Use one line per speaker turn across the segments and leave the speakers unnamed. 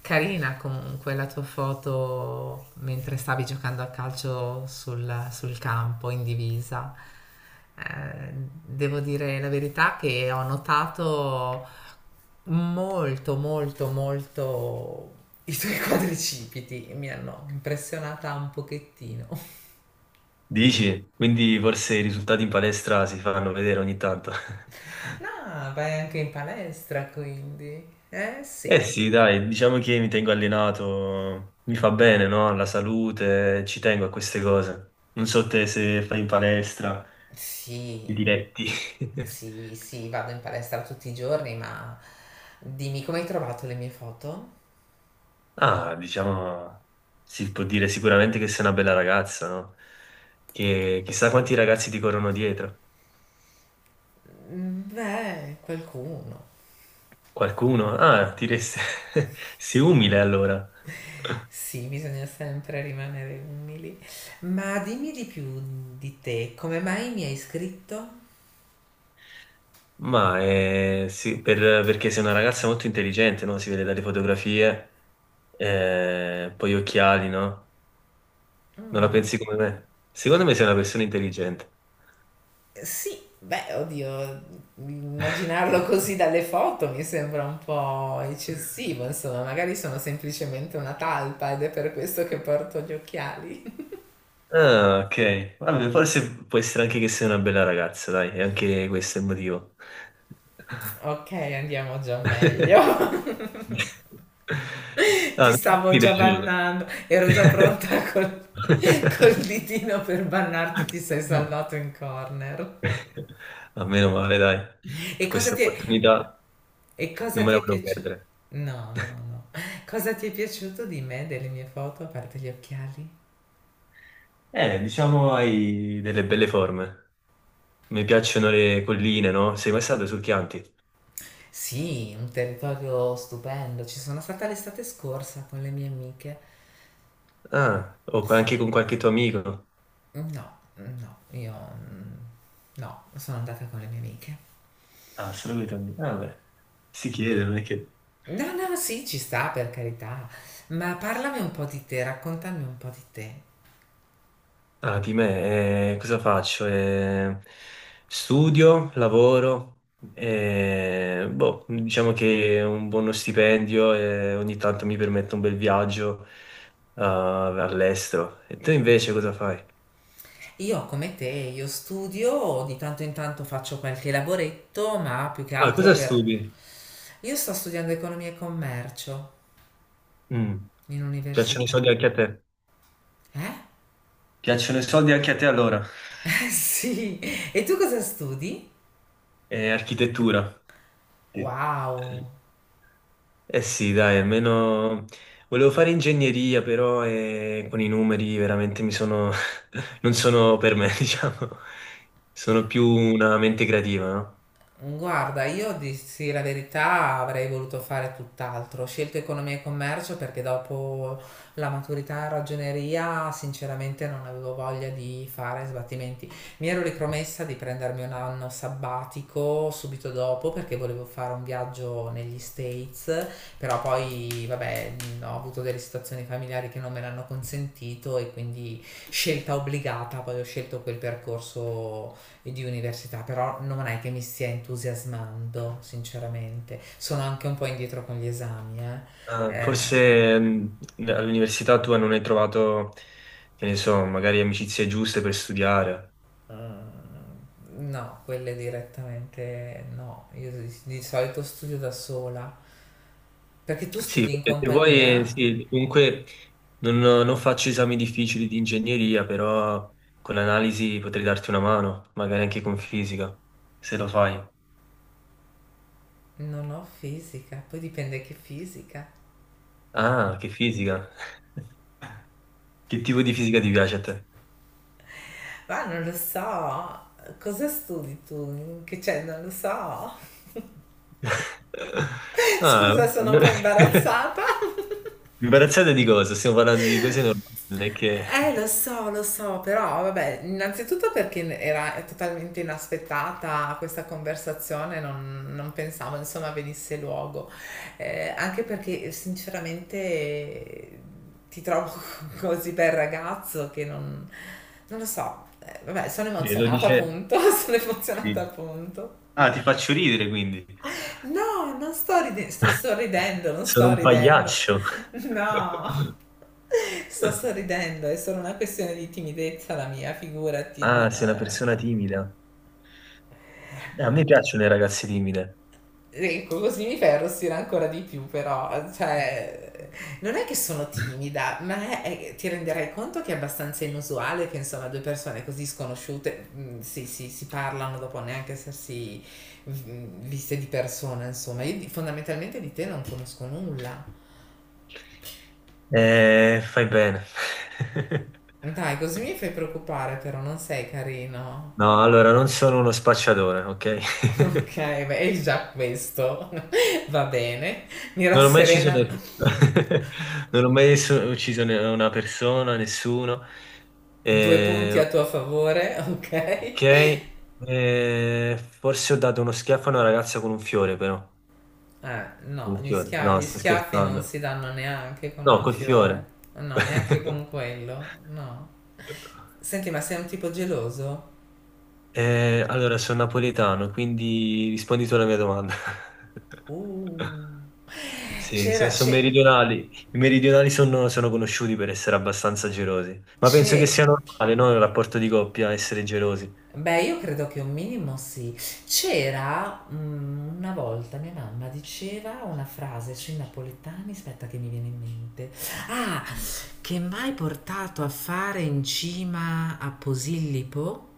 Carina comunque la tua foto mentre stavi giocando a calcio sul campo in divisa. Eh, devo dire la verità che ho notato molto, molto, molto i tuoi quadricipiti. Mi hanno impressionata un pochettino.
Dici? Quindi forse i risultati in palestra si fanno vedere ogni tanto.
Ah, vai anche in palestra quindi. Eh
Eh
sì.
sì, dai, diciamo che mi tengo allenato, mi fa bene, no? Alla salute, ci tengo a queste cose. Non so te se fai in palestra, i
Sì.
diretti.
Sì, sì, vado in palestra tutti i giorni, ma dimmi come hai trovato le mie foto?
Ah, diciamo, si può dire sicuramente che sei una bella ragazza, no? Che chissà quanti ragazzi ti corrono dietro.
Mm, beh, qualcuno.
Qualcuno? Ah, ti resta... Sei umile allora.
Sì, bisogna sempre rimanere umili. Ma dimmi di più di te, come mai mi hai scritto?
Ma sì, perché sei una ragazza molto intelligente, no? Si vede dalle fotografie, poi gli occhiali, no? Non la
Mm.
pensi come me? Secondo me sei una persona intelligente.
Sì, beh, oddio, immaginarlo così dalle foto mi sembra un po' eccessivo, insomma, magari sono semplicemente una talpa ed è per questo che porto gli occhiali.
Ah, ok. Vabbè, forse può essere anche che sei una bella ragazza, dai, e anche questo è il motivo.
Ok, andiamo già meglio. Ti stavo
Mi
già
piace.
bannando, ero già pronta col ditino per bannarti, ti sei salvato in corner.
A meno male, dai,
E cosa
questa
ti è,
opportunità
e cosa
non me
ti
la
è
volevo
piaciuto?
perdere.
No, no, no. Cosa ti è piaciuto di me, delle mie foto, a parte gli occhiali?
Diciamo hai delle belle forme. Mi piacciono le colline, no? Sei mai stato sul Chianti?
Sì, un territorio stupendo. Ci sono stata l'estate scorsa con le mie amiche.
Ah, o
Sì,
anche con qualche tuo amico?
no, no, no, sono andata con le mie amiche.
Ah, solo con i tuoi amici. Ah, beh, si chiede, non è che...
No, no, sì, ci sta per carità, ma parlami un po' di te, raccontami un po' di te.
Ah, di me, cosa faccio? Studio, lavoro, diciamo che un buono stipendio e ogni tanto mi permette un bel viaggio, ah, all'estero. E tu invece cosa fai?
Io come te, io studio, di tanto in tanto faccio qualche lavoretto, ma più che
Ah,
altro
cosa
per...
studi?
Io sto studiando economia e commercio
Mm,
in
piacciono i soldi
università.
anche a te?
Eh?
Piacciono i soldi anche a te allora?
Sì. E tu cosa studi?
Architettura. Sì.
Wow.
Eh sì, dai, almeno volevo fare ingegneria, però con i numeri veramente mi sono... non sono per me, diciamo. Sono più una mente creativa, no?
Guarda, io dissi la verità, avrei voluto fare tutt'altro. Ho scelto economia e commercio perché dopo la maturità in ragioneria, sinceramente, non avevo voglia di fare sbattimenti. Mi ero ripromessa di prendermi un anno sabbatico subito dopo perché volevo fare un viaggio negli States, però poi, vabbè, ho avuto delle situazioni familiari che non me l'hanno consentito e quindi scelta obbligata, poi ho scelto quel percorso e di università, però non è che mi stia entusiasmando, sinceramente. Sono anche un po' indietro con gli esami, eh.
Ah,
Ehm,
forse all'università tua non hai trovato, che ne so, magari amicizie giuste per studiare.
mm, no, quelle direttamente no. Io di solito studio da sola, perché tu
Sì,
studi in
perché se vuoi,
compagnia?
sì, comunque non faccio esami difficili di ingegneria, però con l'analisi potrei darti una mano, magari anche con fisica, se lo fai.
Non ho fisica, poi dipende che fisica.
Ah, che fisica! Che tipo di fisica ti piace a te?
Ma non lo so, cosa studi tu? Che c'è? Non lo so.
Ah,
Scusa, sono un po' imbarazzata.
imbarazzate di cosa? Stiamo parlando di cose normali, non è che
Lo so, però vabbè, innanzitutto perché era totalmente inaspettata questa conversazione, non pensavo insomma venisse luogo. Anche perché sinceramente ti trovo così bel ragazzo che non lo so. Vabbè, sono
che lo
emozionata
dice...
appunto, sono emozionata
Sì.
appunto.
Ah, ti faccio ridere quindi.
No, non sto ridendo, sto sorridendo, non
Sono
sto
un
ridendo.
pagliaccio.
No, sto sorridendo, è solo una questione di timidezza la mia, figurati, non...
Ah, sei una persona timida. A me piacciono le ragazze timide.
Ecco, così mi fai arrossire ancora di più, però, cioè, non è che sono timida, ma ti renderai conto che è abbastanza inusuale che, insomma, due persone così sconosciute si, si parlano dopo neanche essersi viste di persona, insomma. Fondamentalmente di te non conosco nulla.
Fai bene.
Dai, così mi fai preoccupare, però non sei carino.
No, allora non sono uno spacciatore, ok?
Ok, beh, è già questo. Va bene. Mi
Non ho mai ucciso,
rasserena.
non ho mai ucciso una persona, nessuno.
Due punti
Eh,
a tuo favore, ok?
ok, Forse ho dato uno schiaffo a una ragazza con un fiore, però.
No,
Con un fiore. No,
gli
sto
schiaffi non
scherzando.
si danno neanche con
No,
un
col
fiore.
fiore.
No, neanche con quello. No. Senti, ma sei un tipo geloso?
Allora, sono napoletano, quindi rispondi tu alla mia domanda.
Uh.
Sì,
C'era,
sono
c'è,
meridionali. I meridionali sono conosciuti per essere abbastanza gelosi, ma penso che
c'è
sia normale, no, nel rapporto di coppia essere gelosi.
beh, io credo che un minimo sì. Una volta mia mamma diceva una frase sui napoletani, aspetta che mi viene in mente. Ah,
Mm.
che m'hai portato a fare in cima a Posillipo,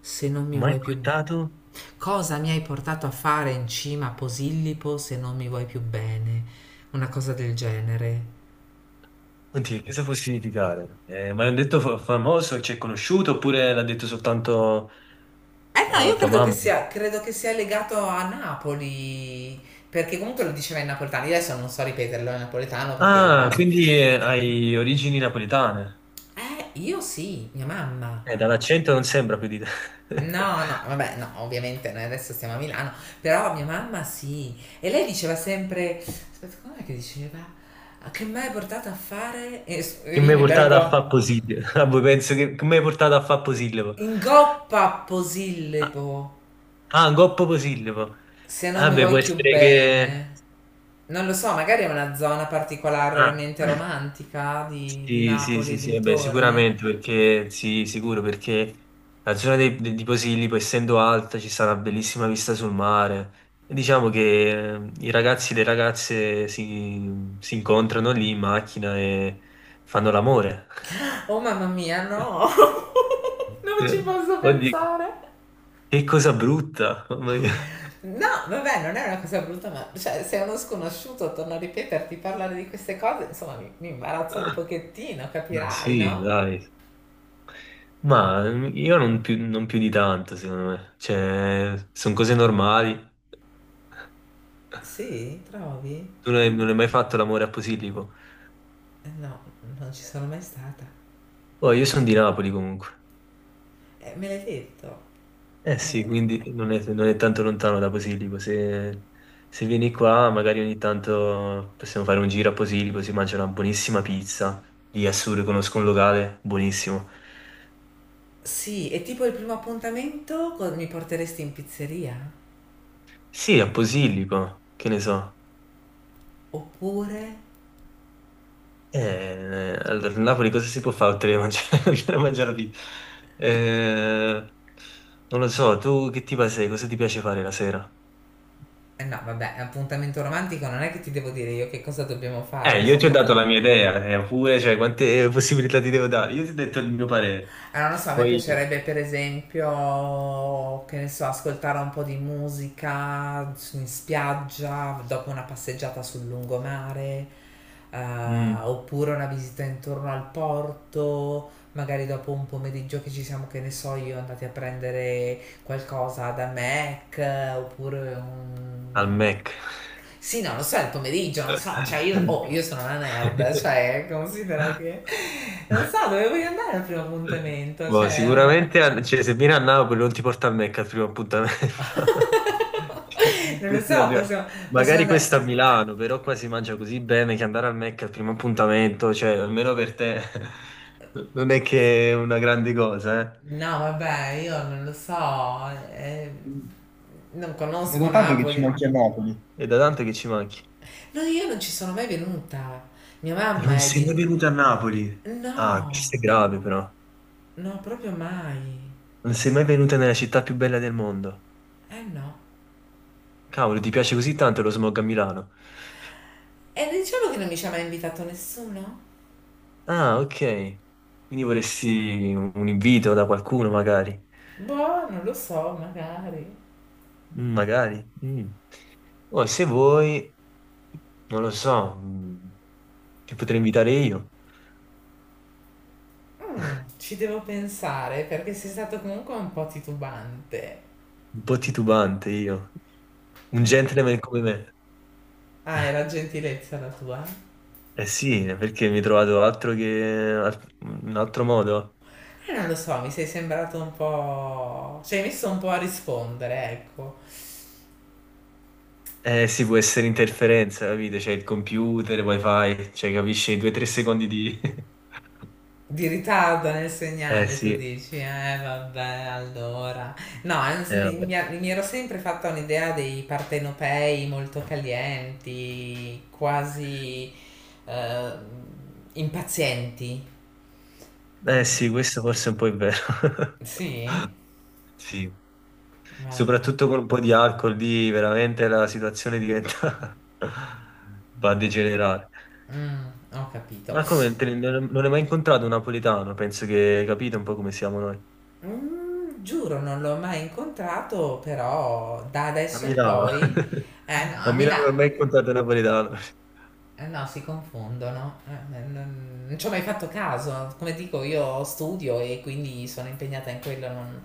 se non mi
Mai
vuoi più...
portato?
Cosa mi hai portato a fare in cima a Posillipo se non mi vuoi più bene? Una cosa del genere.
Oddio, cosa può significare? Ma l'hanno detto famoso, c'è conosciuto, oppure l'ha detto soltanto
Eh no, io
tua mamma?
credo che sia legato a Napoli, perché comunque lo diceva in napoletano, io adesso non so ripeterlo in napoletano perché
Ah,
ovviamente...
quindi hai origini napoletane.
Io sì, mia mamma.
Dall'accento non sembra più di te.
No, no, vabbè, no, ovviamente noi adesso stiamo a Milano, però mia mamma sì. E lei diceva sempre, aspetta, com'è che diceva? "A che mi hai portato a fare?
Che mi
Io
hai
mi
portato a
vergogno.
fare Posillipo? Ah, voi penso che mi hai portato a fare Posillipo?
In goppa
Ah,
posillipo.
ah, un coppo Posillipo.
Se non mi
Vabbè, può
voglio
essere che...
bene, non lo so, magari è una zona
Ah,
particolarmente romantica di
sì, sì,
Napoli
sì,
e
sì, vabbè,
dintorni.
sicuramente, perché... Sì, sicuro, perché la zona di Posillipo, essendo alta, ci sta una bellissima vista sul mare. E diciamo che i ragazzi e le ragazze si incontrano lì in macchina e fanno l'amore.
Oh mamma mia, no! Non ci posso
Eh, Oddio,
pensare.
che cosa brutta!
No, vabbè, non è una cosa brutta, ma cioè, se uno sconosciuto torna a ripeterti parlare di queste cose, insomma, mi imbarazza un pochettino,
Ma
capirai,
sì,
no?
dai. Ma io non più, non più di tanto, secondo me. Cioè, sono cose normali.
Sì, trovi?
Tu non hai mai fatto l'amore a Posillipo?
No, non ci sono mai stata.
Oh, io sono di Napoli comunque.
Me l'hai detto.
Eh sì, quindi non è tanto lontano da Posillipo. Se, se vieni qua, magari ogni tanto possiamo fare un giro a Posillipo, si mangia una buonissima pizza. Lì a Sur conosco un locale buonissimo.
Sì, è tipo il primo appuntamento mi porteresti in pizzeria?
Sì, a Posillipo, che ne so.
Oppure...
Allora, a Napoli cosa si può fare oltre a mangiare, oltre a mangiare la pizza? Eh, non lo so, tu che tipo sei? Cosa ti piace fare la sera?
Eh no, vabbè, appuntamento romantico non è che ti devo dire io che cosa dobbiamo fare,
Io ti ho dato
scusa.
la mia idea, pure, cioè, quante possibilità ti devo dare? Io ti ho detto il mio parere.
Allora, non so, a me
Poi,
piacerebbe per esempio, che ne so, ascoltare un po' di musica in spiaggia, dopo una passeggiata sul lungomare, eh,
mm,
oppure una visita intorno al porto, magari dopo un pomeriggio che ci siamo, che ne so, io andati a prendere qualcosa da Mac oppure
al
un...
Mac.
Sì, no, lo so, è il pomeriggio, non so, cioè io, oh, io sono una nerd, cioè considera che... Non so dove voglio andare al primo appuntamento,
Boh,
cioè... Una...
sicuramente cioè, se vieni a Napoli non ti porta al Mac al primo appuntamento. Cioè,
Non lo
questa è la
so,
prima-
possiamo
magari
andare...
questa a Milano, però qua si mangia così bene che andare al Mac al primo appuntamento, cioè almeno per te non è che è una grande cosa, eh.
No, vabbè, io non lo so, eh,
Mm.
non
Ma è
conosco
da tanto che ci
Napoli.
manchi a Napoli. È da tanto che ci manchi.
No, io non ci sono mai venuta. Mia
Non
mamma è
sei
di...
mai venuto a Napoli? Ah,
No,
questo è grave però.
no, proprio mai.
Non sei mai venuto nella città più bella del mondo.
Eh no.
Cavolo, ti piace così tanto lo smog a Milano?
E diciamo che non mi ci ha mai invitato nessuno?
Ah, ok. Quindi vorresti un invito da qualcuno, magari.
Boh, non lo so, magari.
Mm, magari. Mm. O se vuoi, non lo so, ti potrei invitare io.
Mm, ci devo pensare perché sei stato comunque un po' titubante.
Un po' titubante io. Un
Beh,
gentleman come me.
ah, era gentilezza la tua?
Eh sì, perché mi hai trovato altro che... un altro modo?
Non lo so, mi sei sembrato un po'... Ci hai messo un po' a rispondere, ecco.
Eh sì, può essere interferenza, capite? C'è il computer, wifi, cioè capisci? Due o tre secondi di...
Di ritardo nel
Eh
segnale, tu
sì,
dici, eh vabbè, allora. No,
vabbè.
mi ero sempre fatta un'idea dei partenopei molto calienti, quasi eh, impazienti.
Eh
Mm,
sì, questo forse è un po' è vero.
sì?
Sì,
Vabbè.
soprattutto con un po' di alcol lì veramente la situazione diventa... va a degenerare.
Mm, ho capito.
Ma come, non hai mai incontrato un napoletano? Penso che hai capito un po' come siamo noi.
Mm, giuro, non l'ho mai incontrato, però da
A
adesso in
Milano.
poi... Eh no,
A
a
Milano non
Milano,
ho mai incontrato un napoletano.
eh no, si confondono. Non ci ho mai fatto caso. Come dico, io studio e quindi sono impegnata in quello.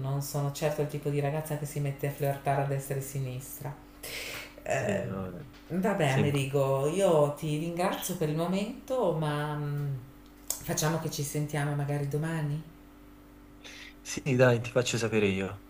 Non sono certo il tipo di ragazza che si mette a flirtare a destra e a sinistra.
Sì,
Ehm,
vabbè.
vabbè,
Sì,
Amerigo, io ti ringrazio per il momento, ma facciamo che ci sentiamo magari domani.
sì, dai, ti faccio sapere io.